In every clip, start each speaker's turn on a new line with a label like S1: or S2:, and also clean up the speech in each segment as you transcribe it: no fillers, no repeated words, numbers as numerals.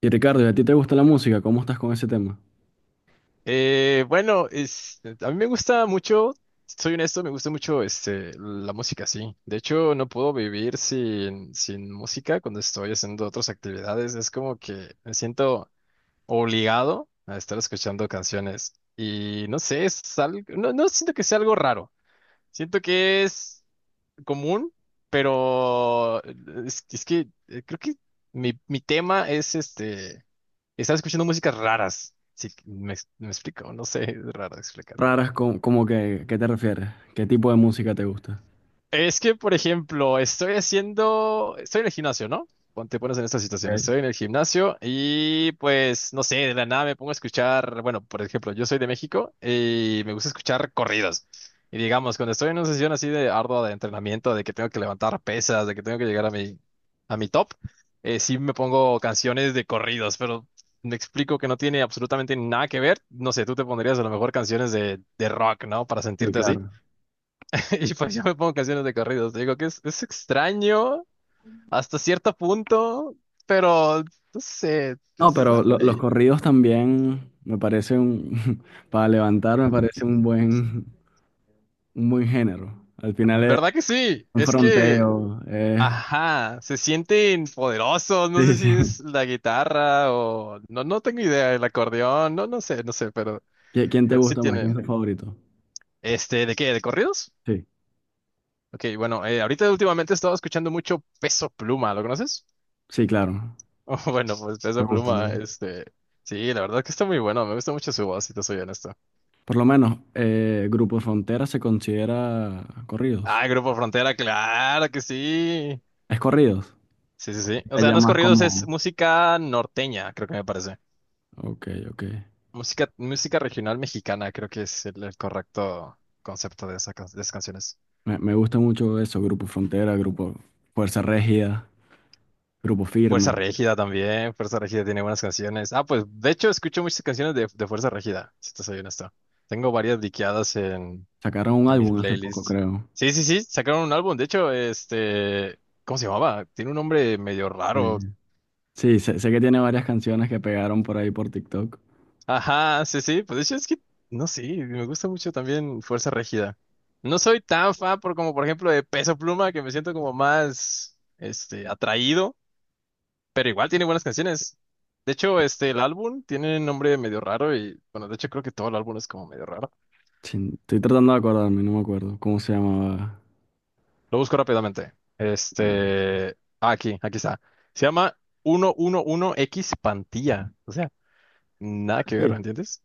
S1: Y Ricardo, ¿y a ti te gusta la música? ¿Cómo estás con ese tema?
S2: Bueno, a mí me gusta mucho, soy honesto, me gusta mucho la música, sí. De hecho, no puedo vivir sin música cuando estoy haciendo otras actividades. Es como que me siento obligado a estar escuchando canciones. Y no sé, es algo, no, no siento que sea algo raro. Siento que es común, pero es que creo que mi tema es este. Estaba escuchando músicas raras. Sí, me explico, no sé, es raro explicar.
S1: Raras, ¿como que qué te refieres? ¿Qué tipo de música te gusta?
S2: Es que, por ejemplo, estoy en el gimnasio, ¿no? Te pones en esta situación,
S1: Ok.
S2: estoy en el gimnasio y pues, no sé, de la nada me pongo a escuchar, bueno, por ejemplo, yo soy de México y me gusta escuchar corridos. Y digamos, cuando estoy en una sesión así de ardua de entrenamiento, de que tengo que levantar pesas, de que tengo que llegar a mi top, sí me pongo canciones de corridos, pero me explico que no tiene absolutamente nada que ver. No sé, tú te pondrías a lo mejor canciones de rock, ¿no? Para
S1: Sí,
S2: sentirte así.
S1: claro.
S2: Y pues yo me pongo canciones de corridos. Te digo que es extraño hasta cierto punto, pero no sé,
S1: No,
S2: es
S1: pero
S2: algo
S1: los
S2: ahí.
S1: corridos también me parece un, para levantar me parece un buen género. Al final es
S2: ¿Verdad que sí?
S1: un
S2: Es que,
S1: fronteo.
S2: ajá, se sienten poderosos. No
S1: Sí,
S2: sé si
S1: sí.
S2: es la guitarra o no, no tengo idea, el acordeón, no, no sé, no sé, pero,
S1: ¿Quién te
S2: pero sí
S1: gusta más? ¿Quién es
S2: tienen.
S1: tu favorito?
S2: ¿De qué? ¿De corridos?
S1: Sí,
S2: Ok, bueno, ahorita últimamente he estado escuchando mucho Peso Pluma, ¿lo conoces?
S1: sí, claro.
S2: Bueno, pues
S1: Me
S2: Peso
S1: gusta, me
S2: Pluma,
S1: gusta.
S2: sí, la verdad que está muy bueno, me gusta mucho su voz, si te soy honesto.
S1: Por lo menos, Grupo Frontera se considera corridos.
S2: Ah, Grupo Frontera, claro que sí.
S1: ¿Es corridos?
S2: Sí, sí, sí. O sea,
S1: Ya
S2: no es
S1: más
S2: corridos, es
S1: como...
S2: música norteña, creo que me parece.
S1: Ok, ok.
S2: Música regional mexicana, creo que es el correcto concepto de esas canciones.
S1: Me gusta mucho eso, Grupo Frontera, Grupo Fuerza Régida, Grupo
S2: Fuerza
S1: Firme.
S2: Régida también, Fuerza Régida tiene buenas canciones. Ah, pues de hecho escucho muchas canciones de Fuerza Régida, si te soy honesto. Tengo varias diqueadas en,
S1: Sacaron un
S2: en mis
S1: álbum hace poco,
S2: playlists.
S1: creo.
S2: Sí, sí, sí, sacaron un álbum, de hecho, ¿cómo se llamaba? Tiene un nombre medio raro.
S1: Eh, sí, sé que tiene varias canciones que pegaron por ahí por TikTok.
S2: Ajá, sí, sí, pues de hecho es que, no sé, me gusta mucho también Fuerza Regida. No soy tan fan por como, por ejemplo, de Peso Pluma, que me siento como más, atraído, pero igual tiene buenas canciones. De hecho, el álbum tiene un nombre medio raro y, bueno, de hecho creo que todo el álbum es como medio raro.
S1: Chin, estoy tratando de acordarme, no me acuerdo. ¿Cómo se llamaba?
S2: Lo busco rápidamente. Este, ah, aquí está. Se llama 111X Pantilla, o sea, nada que ver,
S1: Sí.
S2: ¿entiendes?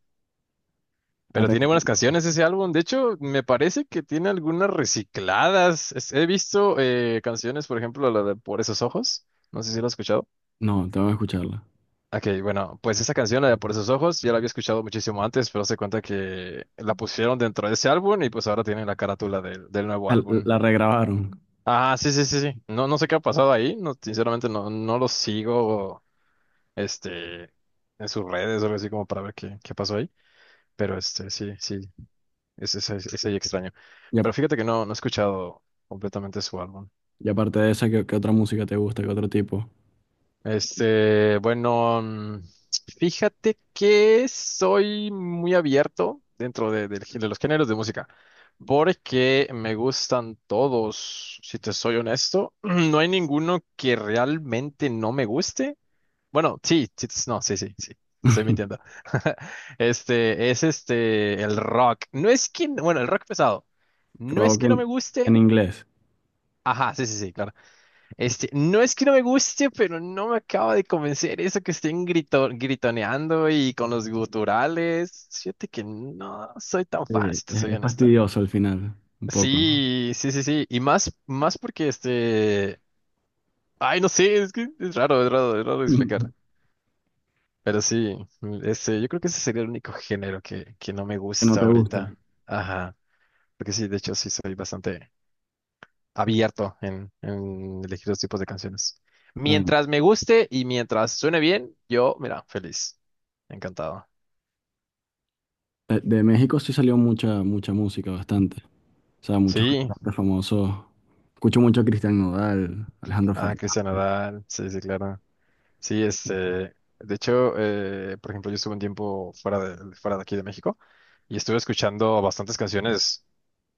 S1: Ah,
S2: Pero tiene
S1: pensé que-
S2: buenas canciones ese álbum. De hecho, me parece que tiene algunas recicladas. He visto canciones, por ejemplo, la de Por esos ojos. No sé si lo has escuchado.
S1: No, no, tengo que escucharla.
S2: Ok, bueno, pues esa canción, la de Por esos ojos, ya la había escuchado muchísimo antes, pero se cuenta que la pusieron dentro de ese álbum y pues ahora tiene la carátula del nuevo
S1: Ah,
S2: álbum.
S1: la regrabaron.
S2: Ah, sí, sí, sí, sí. No, no sé qué ha pasado ahí. No, sinceramente no, no lo sigo, este, en sus redes o algo así como para ver qué pasó ahí. Pero sí, sí. Es ahí extraño.
S1: Y, a-
S2: Pero fíjate que no, no he escuchado completamente su álbum.
S1: y aparte de esa, ¿qué, qué otra música te gusta? ¿Qué otro tipo?
S2: Bueno, fíjate que soy muy abierto dentro de los géneros de música, porque me gustan todos, si te soy honesto. No hay ninguno que realmente no me guste. Bueno, sí, sí, sí, no, sí, sí, sí, te estoy mintiendo. Es el rock. No es que, bueno, el rock pesado. No es
S1: Rock
S2: que no me
S1: en
S2: guste.
S1: inglés.
S2: Ajá, sí, sí, sí, claro. No es que no me guste, pero no me acaba de convencer eso que estén gritoneando y con los guturales. Fíjate que no soy tan
S1: Sí,
S2: fan, si te soy
S1: es
S2: honesto.
S1: fastidioso al final, un poco, ¿no?
S2: Sí, sí, sí, sí. Y más, más porque. Ay, no sé, es que es raro, es raro, es raro de explicar. Pero sí, yo creo que ese sería el único género que no me
S1: Que no
S2: gusta
S1: te gusta.
S2: ahorita. Ajá. Porque sí, de hecho, sí soy bastante abierto en elegir los tipos de canciones.
S1: Bueno,
S2: Mientras me guste y mientras suene bien, yo, mira, feliz. Encantado.
S1: de México sí salió mucha, mucha música, bastante. O sea, muchos
S2: Sí,
S1: cantantes famosos. Escucho mucho a Cristian Nodal, Alejandro
S2: ah, Cristian
S1: Fernández.
S2: Nadal, sí, sí, claro. Sí, de hecho, por ejemplo, yo estuve un tiempo fuera de aquí de México y estuve escuchando bastantes canciones,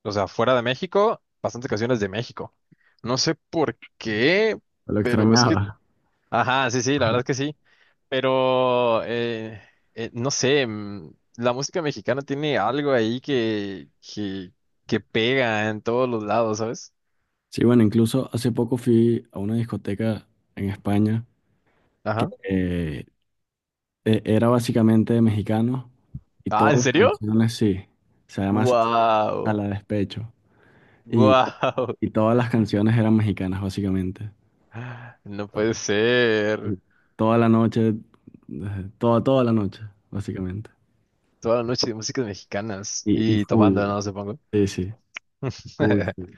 S2: o sea, fuera de México, bastantes canciones de México. No sé por qué,
S1: Lo
S2: pero es que,
S1: extrañaba.
S2: ajá, sí, sí, la verdad es que sí. Pero, no sé, la música mexicana tiene algo ahí que pega en todos los lados, ¿sabes?
S1: Sí, bueno, incluso hace poco fui a una discoteca en España que
S2: Ajá.
S1: era básicamente de mexicanos y
S2: Ah, ¿en
S1: todas las
S2: serio?
S1: canciones sí. O sea, además a
S2: ¡Wow!
S1: la despecho. Y,
S2: ¡Wow!
S1: y todas las canciones eran mexicanas, básicamente.
S2: No puede
S1: Y
S2: ser.
S1: toda la noche, toda, toda la noche, básicamente.
S2: Toda la noche de músicas mexicanas
S1: Y
S2: y
S1: full,
S2: tomando, no supongo.
S1: sí, sí, full, full,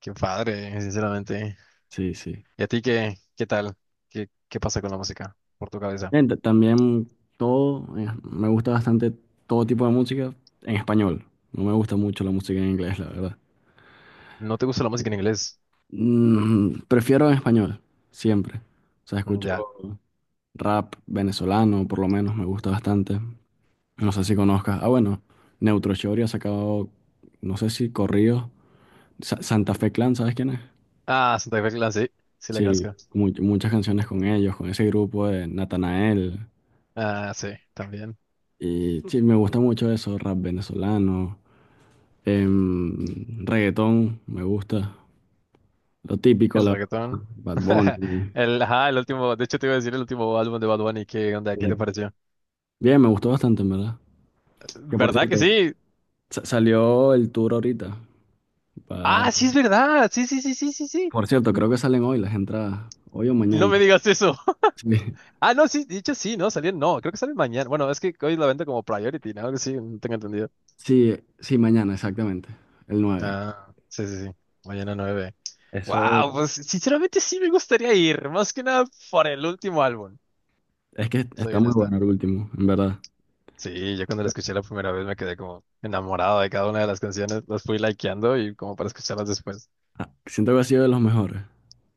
S2: Qué padre, sinceramente.
S1: sí, sí.
S2: ¿Y a ti qué tal? ¿Qué pasa con la música por tu cabeza?
S1: También todo, me gusta bastante todo tipo de música en español. No me gusta mucho la música en inglés, la verdad.
S2: ¿No te gusta la música en inglés?
S1: Mm, prefiero en español, siempre. O sea,
S2: Mm,
S1: escucho
S2: ya.
S1: rap venezolano, por lo menos, me gusta bastante. No sé si conozcas. Ah, bueno, Neutro Shorty ha sacado, no sé si corridos. Santa Fe Clan, ¿sabes quién es?
S2: Ah, Santa Fe Clan, sí, sí la
S1: Sí,
S2: conozco.
S1: muchas canciones con ellos, con ese grupo de Natanael.
S2: Ah, sí, también.
S1: Y sí, me gusta mucho eso, rap venezolano, em, reggaetón, me gusta, lo típico,
S2: El
S1: la verdad,
S2: reggaetón.
S1: Bad Bunny.
S2: Ajá, el último, de hecho te iba a decir el último álbum de Bad Bunny, ¿qué onda?
S1: Sí,
S2: ¿Qué te
S1: sí.
S2: pareció?
S1: Bien, me gustó bastante, en verdad. Que por
S2: ¿Verdad que
S1: cierto,
S2: sí?
S1: salió el tour ahorita. va-
S2: Ah, sí es verdad, sí, sí, sí, sí, sí, sí.
S1: Por cierto, creo que salen hoy las entradas, hoy o
S2: No
S1: mañana.
S2: me digas eso.
S1: Sí,
S2: Ah, no, sí, de hecho sí, no, salían, no, creo que salen mañana. Bueno, es que hoy la venta como priority, ¿no? Que sí, no tengo entendido.
S1: sí, sí, mañana, exactamente, el 9.
S2: Ah, sí, sí, sí, mañana 9.
S1: Eso
S2: Wow, pues sinceramente sí me gustaría ir, más que nada por el último álbum,
S1: es que
S2: soy
S1: está muy
S2: honesto.
S1: bueno el último, en verdad.
S2: Sí, yo cuando la escuché la primera vez me quedé como enamorado de cada una de las canciones, las fui likeando y como para escucharlas después.
S1: Ah, siento que ha sido de los mejores,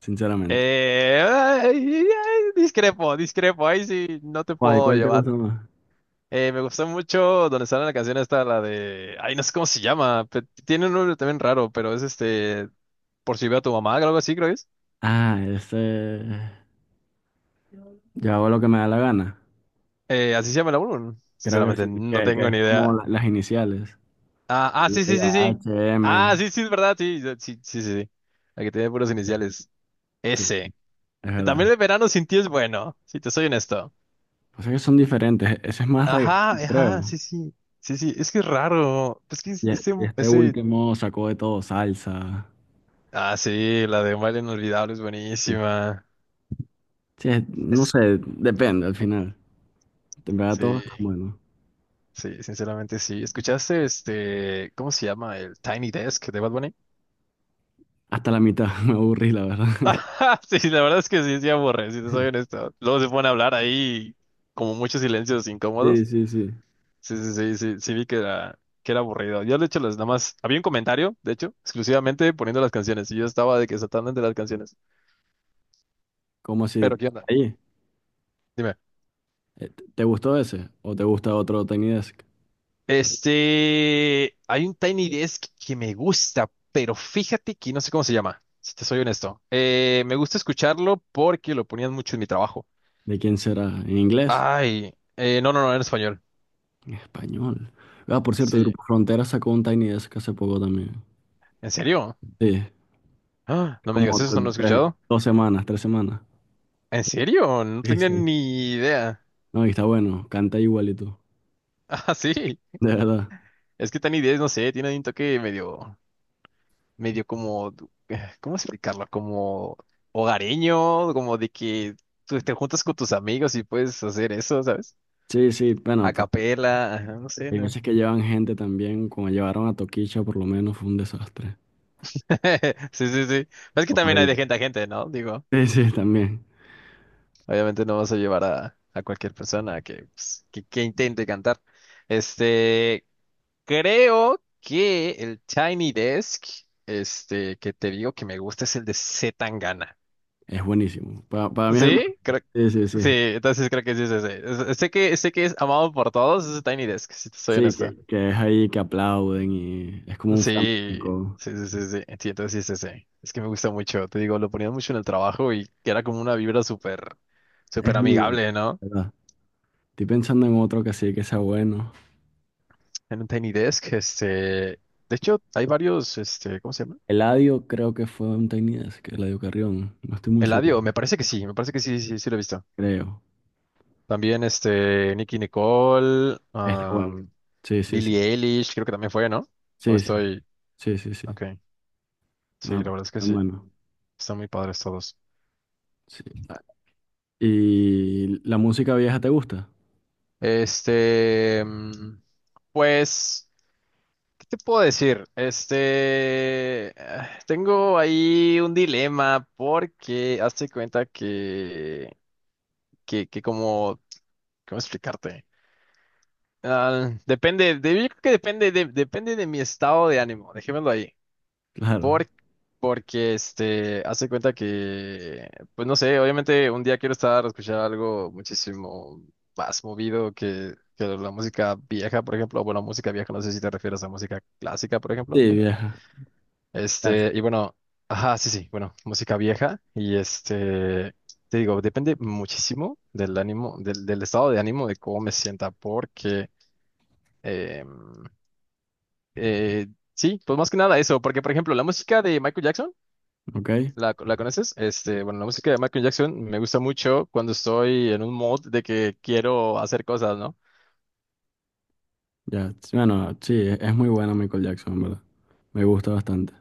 S1: sinceramente.
S2: Ay, ay, discrepo, discrepo, ahí sí no te
S1: ¿Cuál,
S2: puedo
S1: cuál te
S2: llevar.
S1: gusta más?
S2: Me gustó mucho donde sale la canción esta, la de, ay, no sé cómo se llama, tiene un nombre también raro, pero es por si veo a tu mamá, algo así creo que es.
S1: Ah, ese. Yo hago lo que me da la gana.
S2: Así se llama el álbum,
S1: Creo que
S2: sinceramente
S1: sí,
S2: no
S1: que
S2: tengo
S1: es
S2: ni
S1: como
S2: idea.
S1: las iniciales.
S2: Ah, ah, sí, sí,
S1: Llega
S2: sí, sí.
S1: HM.
S2: Ah, sí, sí, es verdad, sí, sí, sí, sí, sí. La que tiene puros iniciales.
S1: Sí,
S2: S.
S1: es verdad.
S2: También el verano sin ti es bueno, si te soy honesto.
S1: O sea que son diferentes. Ese es más
S2: Ajá,
S1: reggaetón,
S2: ajá,
S1: creo.
S2: sí, sí. Sí, sí, es que es raro. Es que
S1: Y
S2: ese,
S1: este
S2: ese.
S1: último sacó de todo salsa.
S2: Ah, sí, la de Un baile inolvidable es
S1: Sí.
S2: buenísima.
S1: Sí, no
S2: Es,
S1: sé, depende al final. En verdad todo
S2: sí,
S1: está bueno.
S2: sí, sinceramente sí. ¿Escuchaste cómo se llama? El Tiny Desk de Bad Bunny.
S1: Hasta la mitad me aburrí, la verdad.
S2: Ajá, sí, la verdad es que sí, sí aburre, si te soy honesto. Luego se ponen a hablar ahí, como muchos silencios
S1: Sí,
S2: incómodos.
S1: sí, sí.
S2: Sí, sí, sí, sí, sí vi que era aburrido. Yo, de hecho, las nada más, había un comentario, de hecho, exclusivamente poniendo las canciones, y yo estaba de que saltando entre las canciones.
S1: Como si...
S2: Pero, ¿qué onda?
S1: Ahí,
S2: Dime.
S1: eh, ¿te gustó ese? ¿O te gusta otro Tiny Desk?
S2: Hay un Tiny Desk que me gusta, pero fíjate que no sé cómo se llama, si te soy honesto. Me gusta escucharlo porque lo ponían mucho en mi trabajo.
S1: ¿De quién será? ¿En inglés?
S2: Ay, no, no, no, en español.
S1: En español. Ah, por cierto, el
S2: Sí,
S1: Grupo Frontera sacó un Tiny Desk hace poco también.
S2: ¿en serio?
S1: Sí,
S2: Ah, no me
S1: como
S2: digas eso, no lo he escuchado.
S1: dos semanas, tres semanas.
S2: ¿En serio? No
S1: Sí,
S2: tenía
S1: sí.
S2: ni idea.
S1: No, y está bueno, canta igualito,
S2: Ah, sí.
S1: de verdad.
S2: Es que Tiny 10, no sé, tiene un toque medio, medio como, ¿cómo explicarlo? Como hogareño, como de que tú te juntas con tus amigos y puedes hacer eso, ¿sabes?
S1: Sí, sí, bueno,
S2: A
S1: pero
S2: capela, ajá, no sé,
S1: hay
S2: ¿no?
S1: veces que llevan gente también, como llevaron a Toquicha por lo menos fue un desastre.
S2: Sí, sí, sí. Es que también hay de
S1: Horrible.
S2: gente a gente, ¿no? Digo,
S1: Sí, sí, también.
S2: obviamente no vas a llevar a cualquier persona que, pues, que intente cantar. Este, Creo que el Tiny Desk, que te digo que me gusta es el de C.
S1: Es buenísimo. Para mí es
S2: Sí, creo,
S1: Sí, sí,
S2: sí,
S1: sí.
S2: entonces creo que sí es ese. Sé que es amado por todos, es Tiny Desk, si te soy
S1: Sí,
S2: honesto.
S1: que es ahí que aplauden y es como un
S2: Sí,
S1: flamenco.
S2: sí, sí, sí, sí, sí, entonces sí es ese. Es que me gusta mucho, te digo, lo ponían mucho en el trabajo y que era como una vibra súper,
S1: Es
S2: súper
S1: muy bueno,
S2: amigable, ¿no?
S1: de ¿verdad? Estoy pensando en otro que sí que sea bueno.
S2: En un Tiny Desk, de hecho, hay varios, ¿cómo se llama?
S1: Eladio creo que fue un tainas que Eladio Carrión, no estoy muy seguro,
S2: Eladio, me parece que sí, me parece que sí, sí, sí lo he visto.
S1: creo.
S2: También, Nicki Nicole,
S1: Está bueno. Sí, sí, sí.
S2: Billie Eilish, creo que también fue, ¿no? O
S1: Sí, sí.
S2: estoy,
S1: Sí, sí, sí.
S2: ok, sí,
S1: No,
S2: la
S1: pero
S2: verdad es que
S1: está
S2: sí.
S1: bueno.
S2: Están muy padres todos.
S1: Sí. Ah, ¿y la música vieja te gusta?
S2: Este, mm, pues, ¿qué te puedo decir? Ah, tengo ahí un dilema porque hazte cuenta que como, ¿cómo explicarte? Ah, depende, yo creo que depende de mi estado de ánimo, dejémoslo ahí.
S1: Claro.
S2: Por, Porque, hace cuenta que, pues no sé, obviamente un día quiero estar a escuchar algo muchísimo más movido que la música vieja, por ejemplo. Bueno, música vieja, no sé si te refieres a música clásica, por ejemplo.
S1: Sí, vieja. Gracias.
S2: Y bueno, ajá, sí, sí, bueno, música vieja. Y te digo, depende muchísimo del ánimo, del estado de ánimo, de cómo me sienta, porque, em, eh, sí, pues más que nada eso, porque, por ejemplo, la música de Michael Jackson.
S1: Ok.
S2: ¿La conoces? Bueno, la música de Michael Jackson me gusta mucho cuando estoy en un mood de que quiero hacer cosas, ¿no?
S1: Ya. Sí, bueno, sí, es muy buena Michael Jackson, en ¿verdad? Me gusta bastante.